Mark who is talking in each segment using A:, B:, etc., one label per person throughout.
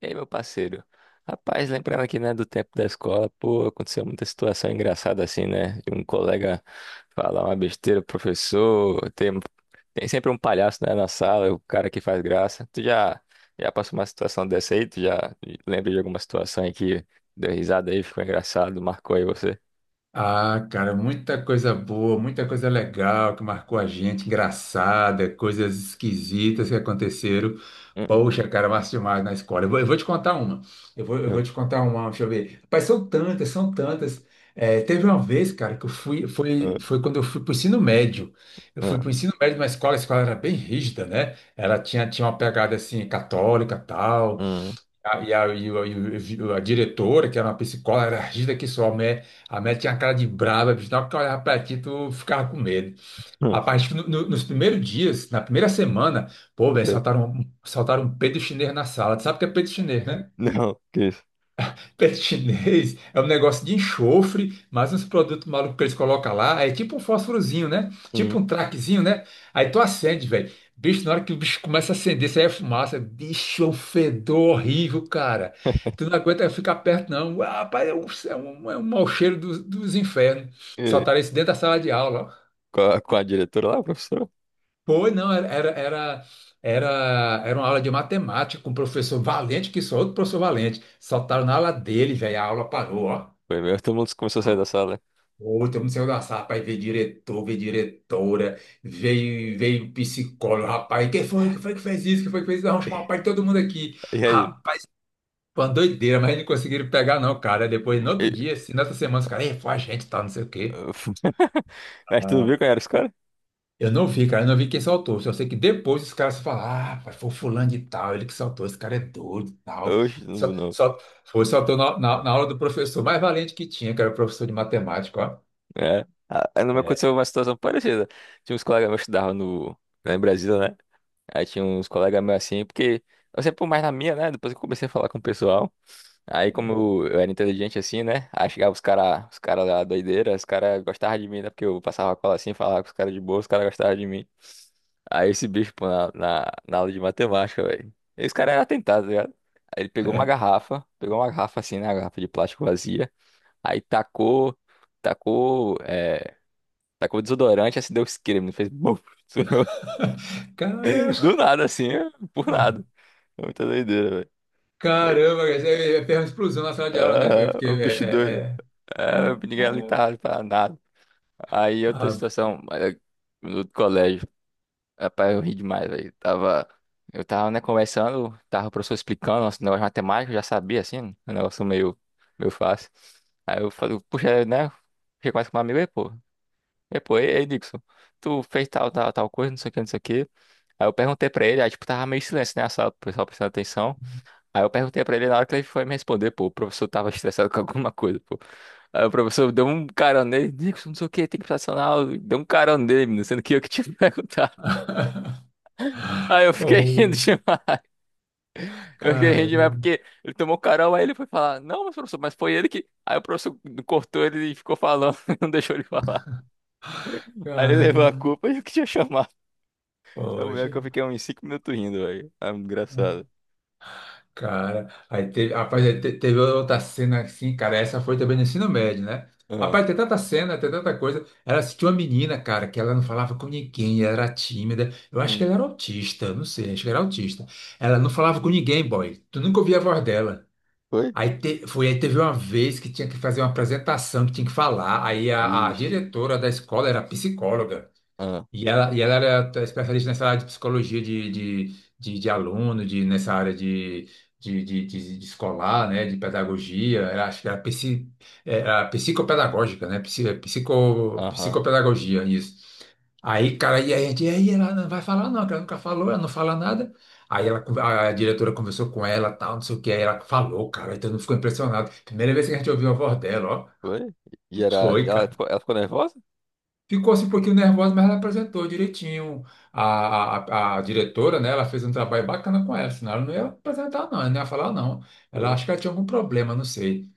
A: Ei, meu parceiro. Rapaz, lembrando aqui, né, do tempo da escola, pô, aconteceu muita situação engraçada assim, né? De um colega falar uma besteira, pro professor, tem sempre um palhaço, né, na sala, o cara que faz graça. Tu já passou uma situação dessa aí? Tu já lembra de alguma situação aí que deu risada aí, ficou engraçado, marcou aí você?
B: Ah, cara, muita coisa boa, muita coisa legal que marcou a gente, engraçada, coisas esquisitas que aconteceram.
A: Hum,
B: Poxa, cara, massa demais na escola. Eu vou te contar uma. Eu vou, eu
A: hum,
B: vou te contar uma, deixa eu ver. Rapaz, são tantas, são tantas. É, teve uma vez, cara, que eu fui, foi,
A: hum,
B: foi quando eu fui para o ensino médio. Eu fui
A: hum,
B: para o ensino médio numa escola, a escola era bem rígida, né? Ela tinha uma pegada assim, católica, tal. A, e o- a diretora, que era uma psicóloga, era rígida que só, a mulher tinha uma cara de brava, bicho, na hora que eu olhava pra ti, tu ficava com medo.
A: hum, hum,
B: Rapaz, acho que nos primeiros dias, na primeira semana, pô, velho,
A: eh,
B: soltaram um peido chinês na sala. Tu sabe o que é peido chinês, né?
A: não, que isso?
B: Pet chinês é um negócio de enxofre, mas uns produtos malucos que eles colocam lá. É tipo um fósforozinho, né?
A: Hum.
B: Tipo um traquezinho, né? Aí tu acende, velho. Bicho, na hora que o bicho começa a acender, isso aí é fumaça. Bicho, é um fedor horrível, cara. Tu não aguenta ficar perto, não. Ah, rapaz, é um mau cheiro dos infernos.
A: Eh,
B: Soltaram isso dentro da sala de aula, ó.
A: com a diretora lá, professor.
B: Foi, não, era uma aula de matemática com o professor Valente, que só outro professor Valente. Soltaram na aula dele, velho. A aula parou, ó.
A: Foi mesmo, todo mundo começou a sair da sala.
B: Outro não saiu da sala, rapaz, veio diretor, veio diretora, veio psicólogo, rapaz, quem foi que fez isso, quem foi que fez isso, vamos
A: Né?
B: chamar o pai de todo mundo aqui.
A: E aí?
B: Rapaz, foi uma doideira, mas não conseguiram pegar não, cara. Depois, no outro
A: Mas
B: dia, assim, nessa semana, os caras, "Ei, foi a gente, tá, não sei o quê."
A: tu viu quem era esse cara?
B: Eu não vi, cara, eu não vi quem soltou, só sei que depois os caras falaram, ah, rapaz, foi o fulano de tal, ele que soltou, esse cara é doido e tal.
A: Hoje não viu,
B: Só,
A: não.
B: só, foi, soltou na aula do professor mais valente que tinha, que era o professor de matemática, ó.
A: É. Ah, aí não me
B: É.
A: aconteceu uma situação parecida. Tinha uns colegas meus que estudavam no, lá em Brasília, né? Aí tinha uns colegas meus assim, porque eu sempre fui mais na minha, né? Depois que eu comecei a falar com o pessoal. Aí, como eu era inteligente assim, né? Aí chegava os caras da doideira, os caras gostavam de mim, né? Porque eu passava a cola assim, falava com os caras de boa, os caras gostavam de mim. Aí esse bicho, pô, na aula de matemática, velho. Esse cara era atentado, tá ligado? Aí ele
B: É.
A: pegou uma garrafa assim, né? Uma garrafa de plástico vazia. Aí tacou, é, tacou desodorante, assim deu creme, fez buf, estourou.
B: Caramba!
A: Do nada assim, por nada. É muita doideira, velho. Mas,
B: Caramba, cara, isso é uma explosão na sala de aula, né, velho?
A: ah,
B: Porque é,
A: o bicho
B: é,
A: doido.
B: é...
A: Ah,
B: Ah,
A: ninguém ali
B: ah,
A: tava pra nada. Aí outra
B: ah.
A: situação, no outro colégio. Rapaz, eu ri demais, velho. Eu tava, né, conversando, tava o professor explicando nosso negócio de matemática, eu já sabia, assim, um negócio meio fácil. Aí eu falei, puxa, né, fiquei mais com um amigo aí, pô. É, pô, ei, Dixon, tu fez tal, tal, tal coisa, não sei o que, não sei o que. Aí eu perguntei pra ele, aí tipo, tava meio silêncio, né, a sala, o pessoal prestando atenção. Aí eu perguntei pra ele, na hora que ele foi me responder, pô, o professor tava estressado com alguma coisa, pô. Aí o professor deu um carão nele, Dixon, não sei o que, tem que prestar na aula, deu um carão nele, menino, sendo que eu que tinha que perguntar. Aí eu fiquei rindo
B: Pô,
A: demais, eu fiquei rindo demais
B: caramba,
A: porque ele tomou carão, aí ele foi falar, não, mas professor, mas foi ele que... Aí o professor cortou ele e ficou falando, não deixou ele falar. Aí ele levou a
B: caramba,
A: culpa e eu que tinha chamado. Eu lembro
B: poxa.
A: que eu fiquei uns 5 minutos rindo, velho. É muito engraçado.
B: Cara, aí teve, rapaz, aí teve outra cena assim, cara, essa foi também no ensino médio, né?
A: Ah,
B: Rapaz, tem tanta cena, tem tanta coisa. Ela assistiu uma menina, cara, que ela não falava com ninguém, ela era tímida. Eu acho que
A: hum.
B: ela era autista, eu não sei, acho que era autista. Ela não falava com ninguém, boy. Tu nunca ouvia a voz dela.
A: Foi?
B: Aí teve uma vez que tinha que fazer uma apresentação, que tinha que falar. Aí a
A: Ixi.
B: diretora da escola era psicóloga.
A: Ah,
B: E ela era especialista nessa área de psicologia de aluno, nessa área de escolar, né, de pedagogia, era, acho que era, era psicopedagógica, né, psi- psico,
A: aham.
B: psicopedagogia, isso. Aí, cara, e aí ela não vai falar não, que ela nunca falou, ela não fala nada. Aí a diretora conversou com ela, tal, não sei o que, aí ela falou, cara, então não ficou impressionado. Primeira vez que a gente ouviu a voz dela, ó,
A: Foi? E era. E
B: foi,
A: Ela
B: cara.
A: ficou, ela ficou nervosa?
B: Ficou assim um pouquinho nervosa, mas ela apresentou direitinho. A diretora, né, ela fez um trabalho bacana com ela, senão ela não ia apresentar, não, ela não ia falar, não. Ela
A: Foi?
B: acho que ela tinha algum problema, não sei.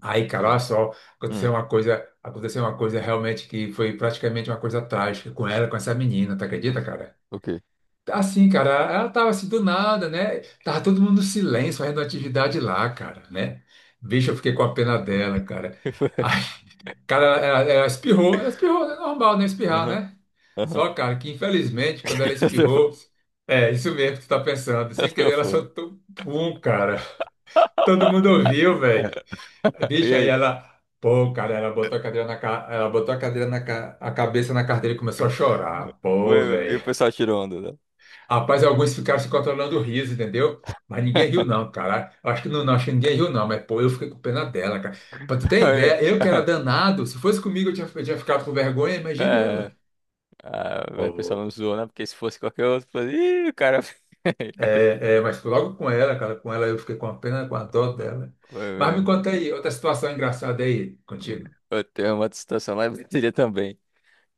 B: Aí, cara, olha
A: E-
B: só,
A: Hum.
B: aconteceu uma coisa realmente que foi praticamente uma coisa trágica com ela, com essa menina, tu
A: O
B: acredita,
A: quê?
B: cara?
A: O quê?
B: Assim, cara, ela tava assim do nada, né? Tava todo mundo no silêncio, fazendo atividade lá, cara, né? Bicho, eu fiquei com a pena dela, cara.
A: Foi.
B: Cara, ela espirrou, ela espirrou, é normal não espirrar,
A: Aham.
B: né?
A: Aham.
B: Só, cara, que infelizmente, quando ela espirrou, é isso mesmo que tu tá pensando.
A: Eu
B: Sem querer, ela
A: tô.
B: soltou um pum, cara. Todo mundo ouviu, velho.
A: E
B: Bicho, aí
A: aí?
B: ela, pô, cara, ela botou a cadeira na ca- a cabeça na carteira e começou a chorar.
A: Foi,
B: Pô,
A: meu. E o
B: velho.
A: pessoal tirou onda, né?
B: Rapaz, alguns ficaram se controlando o riso, entendeu? Mas ninguém riu, não, cara. Eu acho que não, não, acho que ninguém riu, não. Mas, pô, eu fiquei com pena dela, cara. Pra tu ter
A: Foi.
B: ideia, eu que era
A: Ah,
B: danado, se fosse comigo eu tinha ficado com vergonha,
A: é.
B: imagine
A: É.
B: ela.
A: Ah, o pessoal
B: Pô,
A: não zoou, né? Porque se fosse qualquer outro, falei, ih, o cara.
B: é, é, mas logo com ela, cara, com ela eu fiquei com a pena, com a dor dela.
A: Foi
B: Mas me
A: mesmo.
B: conta aí, outra situação engraçada aí contigo.
A: Eu tenho uma situação lá em Brasília também.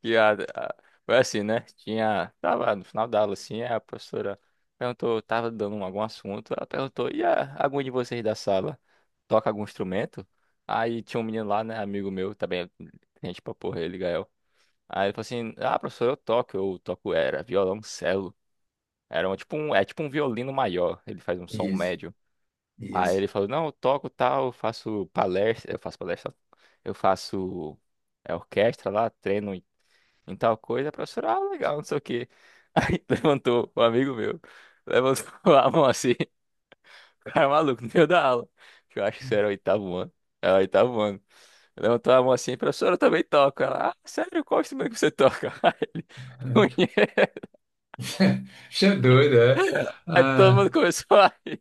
A: que a, a- Foi assim, né? Tava no final da aula, assim, a professora perguntou, tava dando algum assunto, ela perguntou, algum de vocês da sala toca algum instrumento? Aí tinha um menino lá, né, amigo meu, também, gente pra porra, ele, Gael. Aí ele falou assim, ah, professor, eu toco, era violoncelo, era um, tipo um, é tipo um violino maior, ele faz um som
B: Isso,
A: médio. Aí ele
B: isso.
A: falou, não, eu toco tal, eu faço palestra, eu faço é orquestra lá, treino em tal coisa, a professora, ah, legal, não sei o quê. Aí levantou um amigo meu, levantou a mão assim, o cara é maluco, no meio da aula. Que Eu acho que isso era o oitavo ano. É o oitavo ano. Levantou a mão assim, professora, eu também toco. Ela, ah, sério, qual instrumento que você toca? Aí ele, "Punheta."
B: Bicho é doido, é?
A: Aí todo mundo
B: Ah,
A: começou a rir.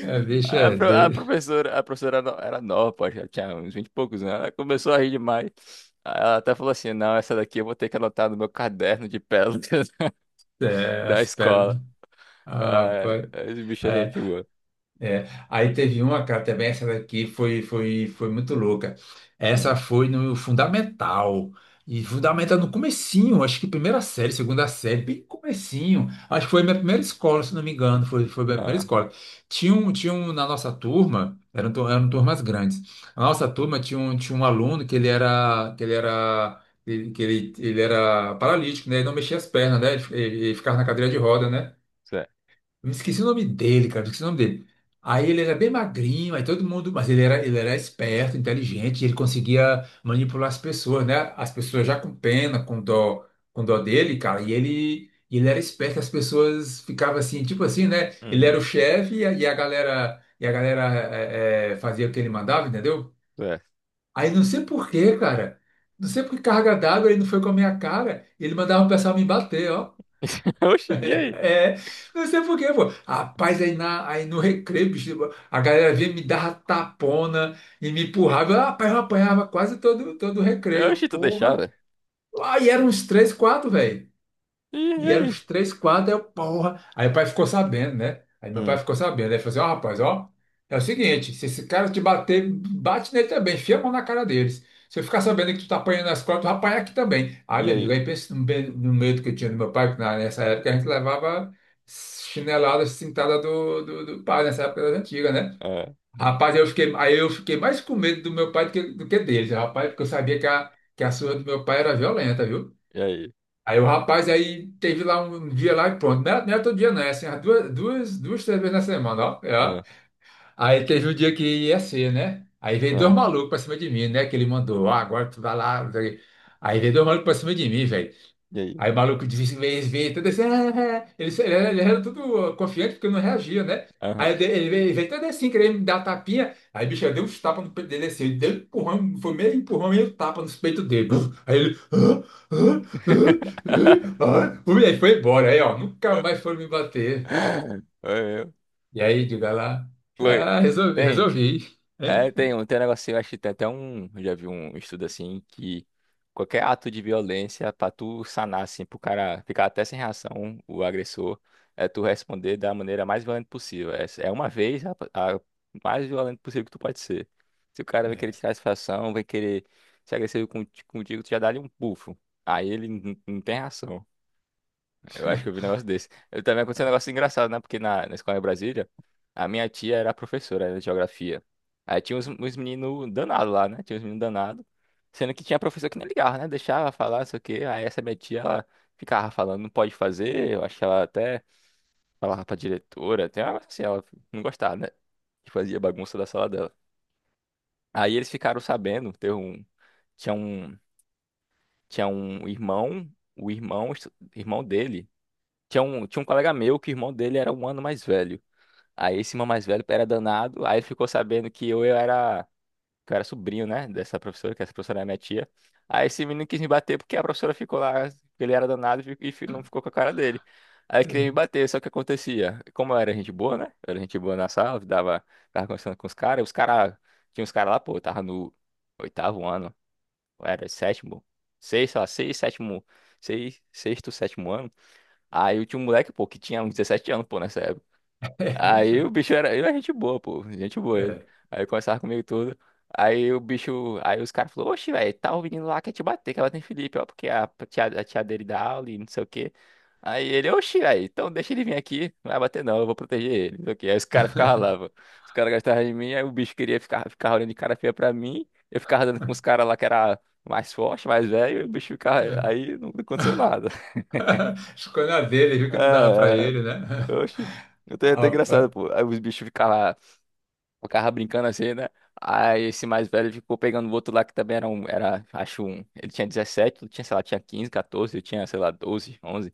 B: é, bicho
A: Aí A,
B: é
A: pro- a
B: doido.
A: professora, a professora no- era nova, pô, já tinha uns 20 e poucos anos. Ela começou a rir demais. Aí ela até falou assim: não, essa daqui eu vou ter que anotar no meu caderno de pérolas
B: É,
A: da
B: as
A: escola.
B: pernas. Ah,
A: Ah,
B: rapaz.
A: esse bicho é
B: É,
A: gente boa.
B: é, aí teve uma, cara, também essa daqui foi muito louca. Essa
A: Hum,
B: foi no Fundamental. E Fundamental no comecinho, acho que primeira série, segunda série, bem comecinho. Acho que foi minha primeira escola, se não me engano, foi minha primeira
A: Ah,
B: escola. Tinha um na nossa turma, eram turmas grandes. Na nossa turma tinha um aluno que ele era paralítico, né? Ele não mexia as pernas, né? Ele ficava na cadeira de roda, né?
A: certo,
B: Eu me esqueci o nome dele, cara, eu esqueci o nome dele. Aí ele era bem magrinho, aí todo mundo, mas ele era esperto, inteligente, e ele conseguia manipular as pessoas, né? As pessoas já com pena, com dó dele, cara, e e ele era esperto, as pessoas ficavam assim, tipo assim, né? Ele era
A: hum,
B: o chefe e a galera fazia o que ele mandava, entendeu?
A: certo.
B: Aí não sei por quê, cara, não sei por que carga d'água ele não foi com a minha cara, ele mandava o pessoal me bater, ó.
A: Oxi, e aí?
B: É, não sei por quê, pô. Rapaz, aí no recreio, bicho, a galera vinha me dava tapona e me empurrava. Rapaz, eu apanhava quase todo o recreio.
A: Oxi, tu
B: Porra.
A: deixava?
B: Aí eram uns três, quatro, velho.
A: E
B: E eram
A: aí?
B: os três quadros, aí eu, porra. Aí meu pai ficou sabendo, né? Aí meu pai
A: Hum.
B: ficou sabendo. Aí ele falou assim: ó, rapaz, ó, é o seguinte, se esse cara te bater, bate nele também, enfia a mão na cara deles. Se eu ficar sabendo que tu tá apanhando na escola, tu vai apanhar aqui também. Aí,
A: E
B: meu amigo,
A: aí?
B: aí pensa no medo que eu tinha do meu pai, que nessa época a gente levava chinelada, cintada do pai, nessa época das antigas, né?
A: Ah,
B: Rapaz, eu fiquei mais com medo do meu pai do que deles, rapaz, porque eu sabia que a surra do meu pai era violenta, viu?
A: e aí?
B: Aí o rapaz aí teve lá um dia lá e pronto. Não era todo dia, não, é assim, umas duas, três vezes na semana, ó. É, ó.
A: Ah,
B: Aí teve o dia que ia ser, né? Aí veio dois
A: ah,
B: malucos pra cima de mim, né? Que ele mandou, ah, agora tu vai lá. Aí veio dois malucos pra cima de mim, velho.
A: e aí?
B: Aí o maluco disse, veio, todo assim, "Ah", ele era todo confiante porque não reagia, né? Aí
A: Aham.
B: ele ele veio, ele veio todo assim, querendo me dar tapinha. Aí, bicho, eu dei uns tapas no peito dele assim, ele deu um empurrão, foi meio empurrão, meio tapa nos peitos dele. Buf! Aí ele, ah, ah, ah, ah, ah. E aí foi embora, aí ó, nunca mais foram me bater.
A: Oi,
B: E aí, diga lá,
A: oi.
B: ah, resolvi,
A: Tem?
B: resolvi.
A: É,
B: É,
A: tem, tem um negocinho, acho que tem até um. Eu já vi um estudo assim que qualquer ato de violência, pra tu sanar, assim, pro cara ficar até sem reação, o agressor, é tu responder da maneira mais violenta possível. É uma vez a mais violenta possível que tu pode ser. Se o cara vai querer
B: é,
A: tirar satisfação, vai querer ser agressivo contigo, tu já dá-lhe um bufo. Aí ele não tem reação. Eu acho que eu vi um negócio desse. Eu também aconteceu um negócio engraçado, né? Porque na escola em Brasília, a minha tia era professora, era de geografia. Aí tinha uns meninos danados lá, né? Tinha uns meninos danados. Sendo que tinha professor que nem ligava, né? Deixava falar, não sei o quê. Aí essa minha tia, ela ficava falando, não pode fazer. Eu acho que ela até falava pra diretora, até assim, ela não gostava, né? Que fazia bagunça da sala dela. Aí eles ficaram sabendo, teve um, tinha um, tinha um irmão, o irmão, irmão dele. Tinha um colega meu que o irmão dele era um ano mais velho. Aí esse irmão mais velho era danado. Aí ele ficou sabendo que que eu era sobrinho, né? Dessa professora, que essa professora era minha tia. Aí esse menino quis me bater porque a professora ficou lá, ele era danado não ficou com a cara dele. Aí queria me bater, só que acontecia. Como eu era gente boa, né? Eu era gente boa na sala, tava conversando com os caras. Os caras, tinha uns caras lá, pô, eu tava no oitavo ano, eu era sétimo, seis, sei lá, seis, sétimo, seis, sexto, sétimo ano. Aí eu tinha um moleque, pô, que tinha uns 17 anos, pô, nessa época. Aí
B: é,
A: o bicho era. Ele era gente boa, pô. Gente boa ele.
B: é.
A: Aí conversava comigo tudo. Aí o bicho. Aí os caras falaram, oxe, velho, tá o menino lá quer te bater, que ela tem Felipe, ó, porque a tia dele dá aula e não sei o quê. Aí ele, oxe, velho, então deixa ele vir aqui, não vai bater não, eu vou proteger ele. Não sei o quê. Aí os caras ficavam lá, pô. Os caras gastavam de mim, aí o bicho queria ficar olhando de cara feia pra mim. Eu ficava dando com os caras lá que era mais forte, mais velho, e o bicho ficava.
B: É.
A: Aí não aconteceu nada.
B: Escolha dele, viu que não dava para
A: É,
B: ele, né?
A: oxi. Até
B: Ah,
A: engraçado,
B: rapaz.
A: pô. Aí os bichos ficavam brincando assim, né? Aí esse mais velho ficou pegando o outro lá que também era um, era, acho um. Ele tinha 17, eu tinha, sei lá, tinha 15, 14, eu tinha, sei lá, 12, 11.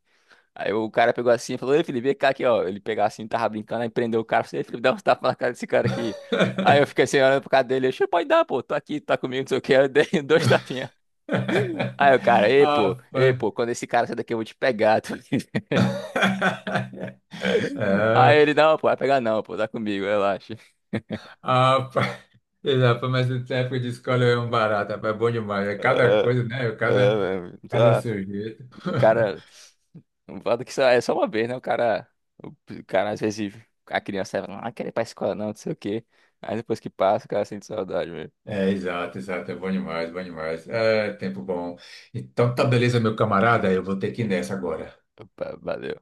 A: Aí o cara pegou assim e falou, ei, Felipe, vem cá aqui, ó. Ele pegava assim, tava brincando, aí prendeu o cara, falou, ei, Felipe, dá uns tapas na cara desse cara aqui. Aí eu fiquei assim, olhando pro cara dele, eu, "Xê, pode dar, pô, tô aqui, tá comigo, não sei o que, eu dei dois tapinhas. Aí o cara,
B: Ah,
A: ei, pô,
B: rapaz.
A: quando esse cara sair daqui eu vou te pegar, tu." Aí
B: É,
A: ele, não, pô, vai pegar não, pô, tá comigo, relaxa.
B: ah, rapaz. Rapaz, mas essa época de escola é um barato, rapaz, é bom demais. É cada coisa, né? É Cada,
A: Ah,
B: cada
A: tá.
B: sujeito.
A: O cara. Não fala que só, é só uma vez, né? O cara. O cara, às vezes, a criança fala, ah, quer ir pra escola, não, não sei o quê. Aí depois que passa, o cara sente saudade mesmo.
B: É, exato, exato. É bom demais, bom demais. É, tempo bom. Então tá beleza, meu camarada. Eu vou ter que ir nessa agora.
A: Opa, valeu.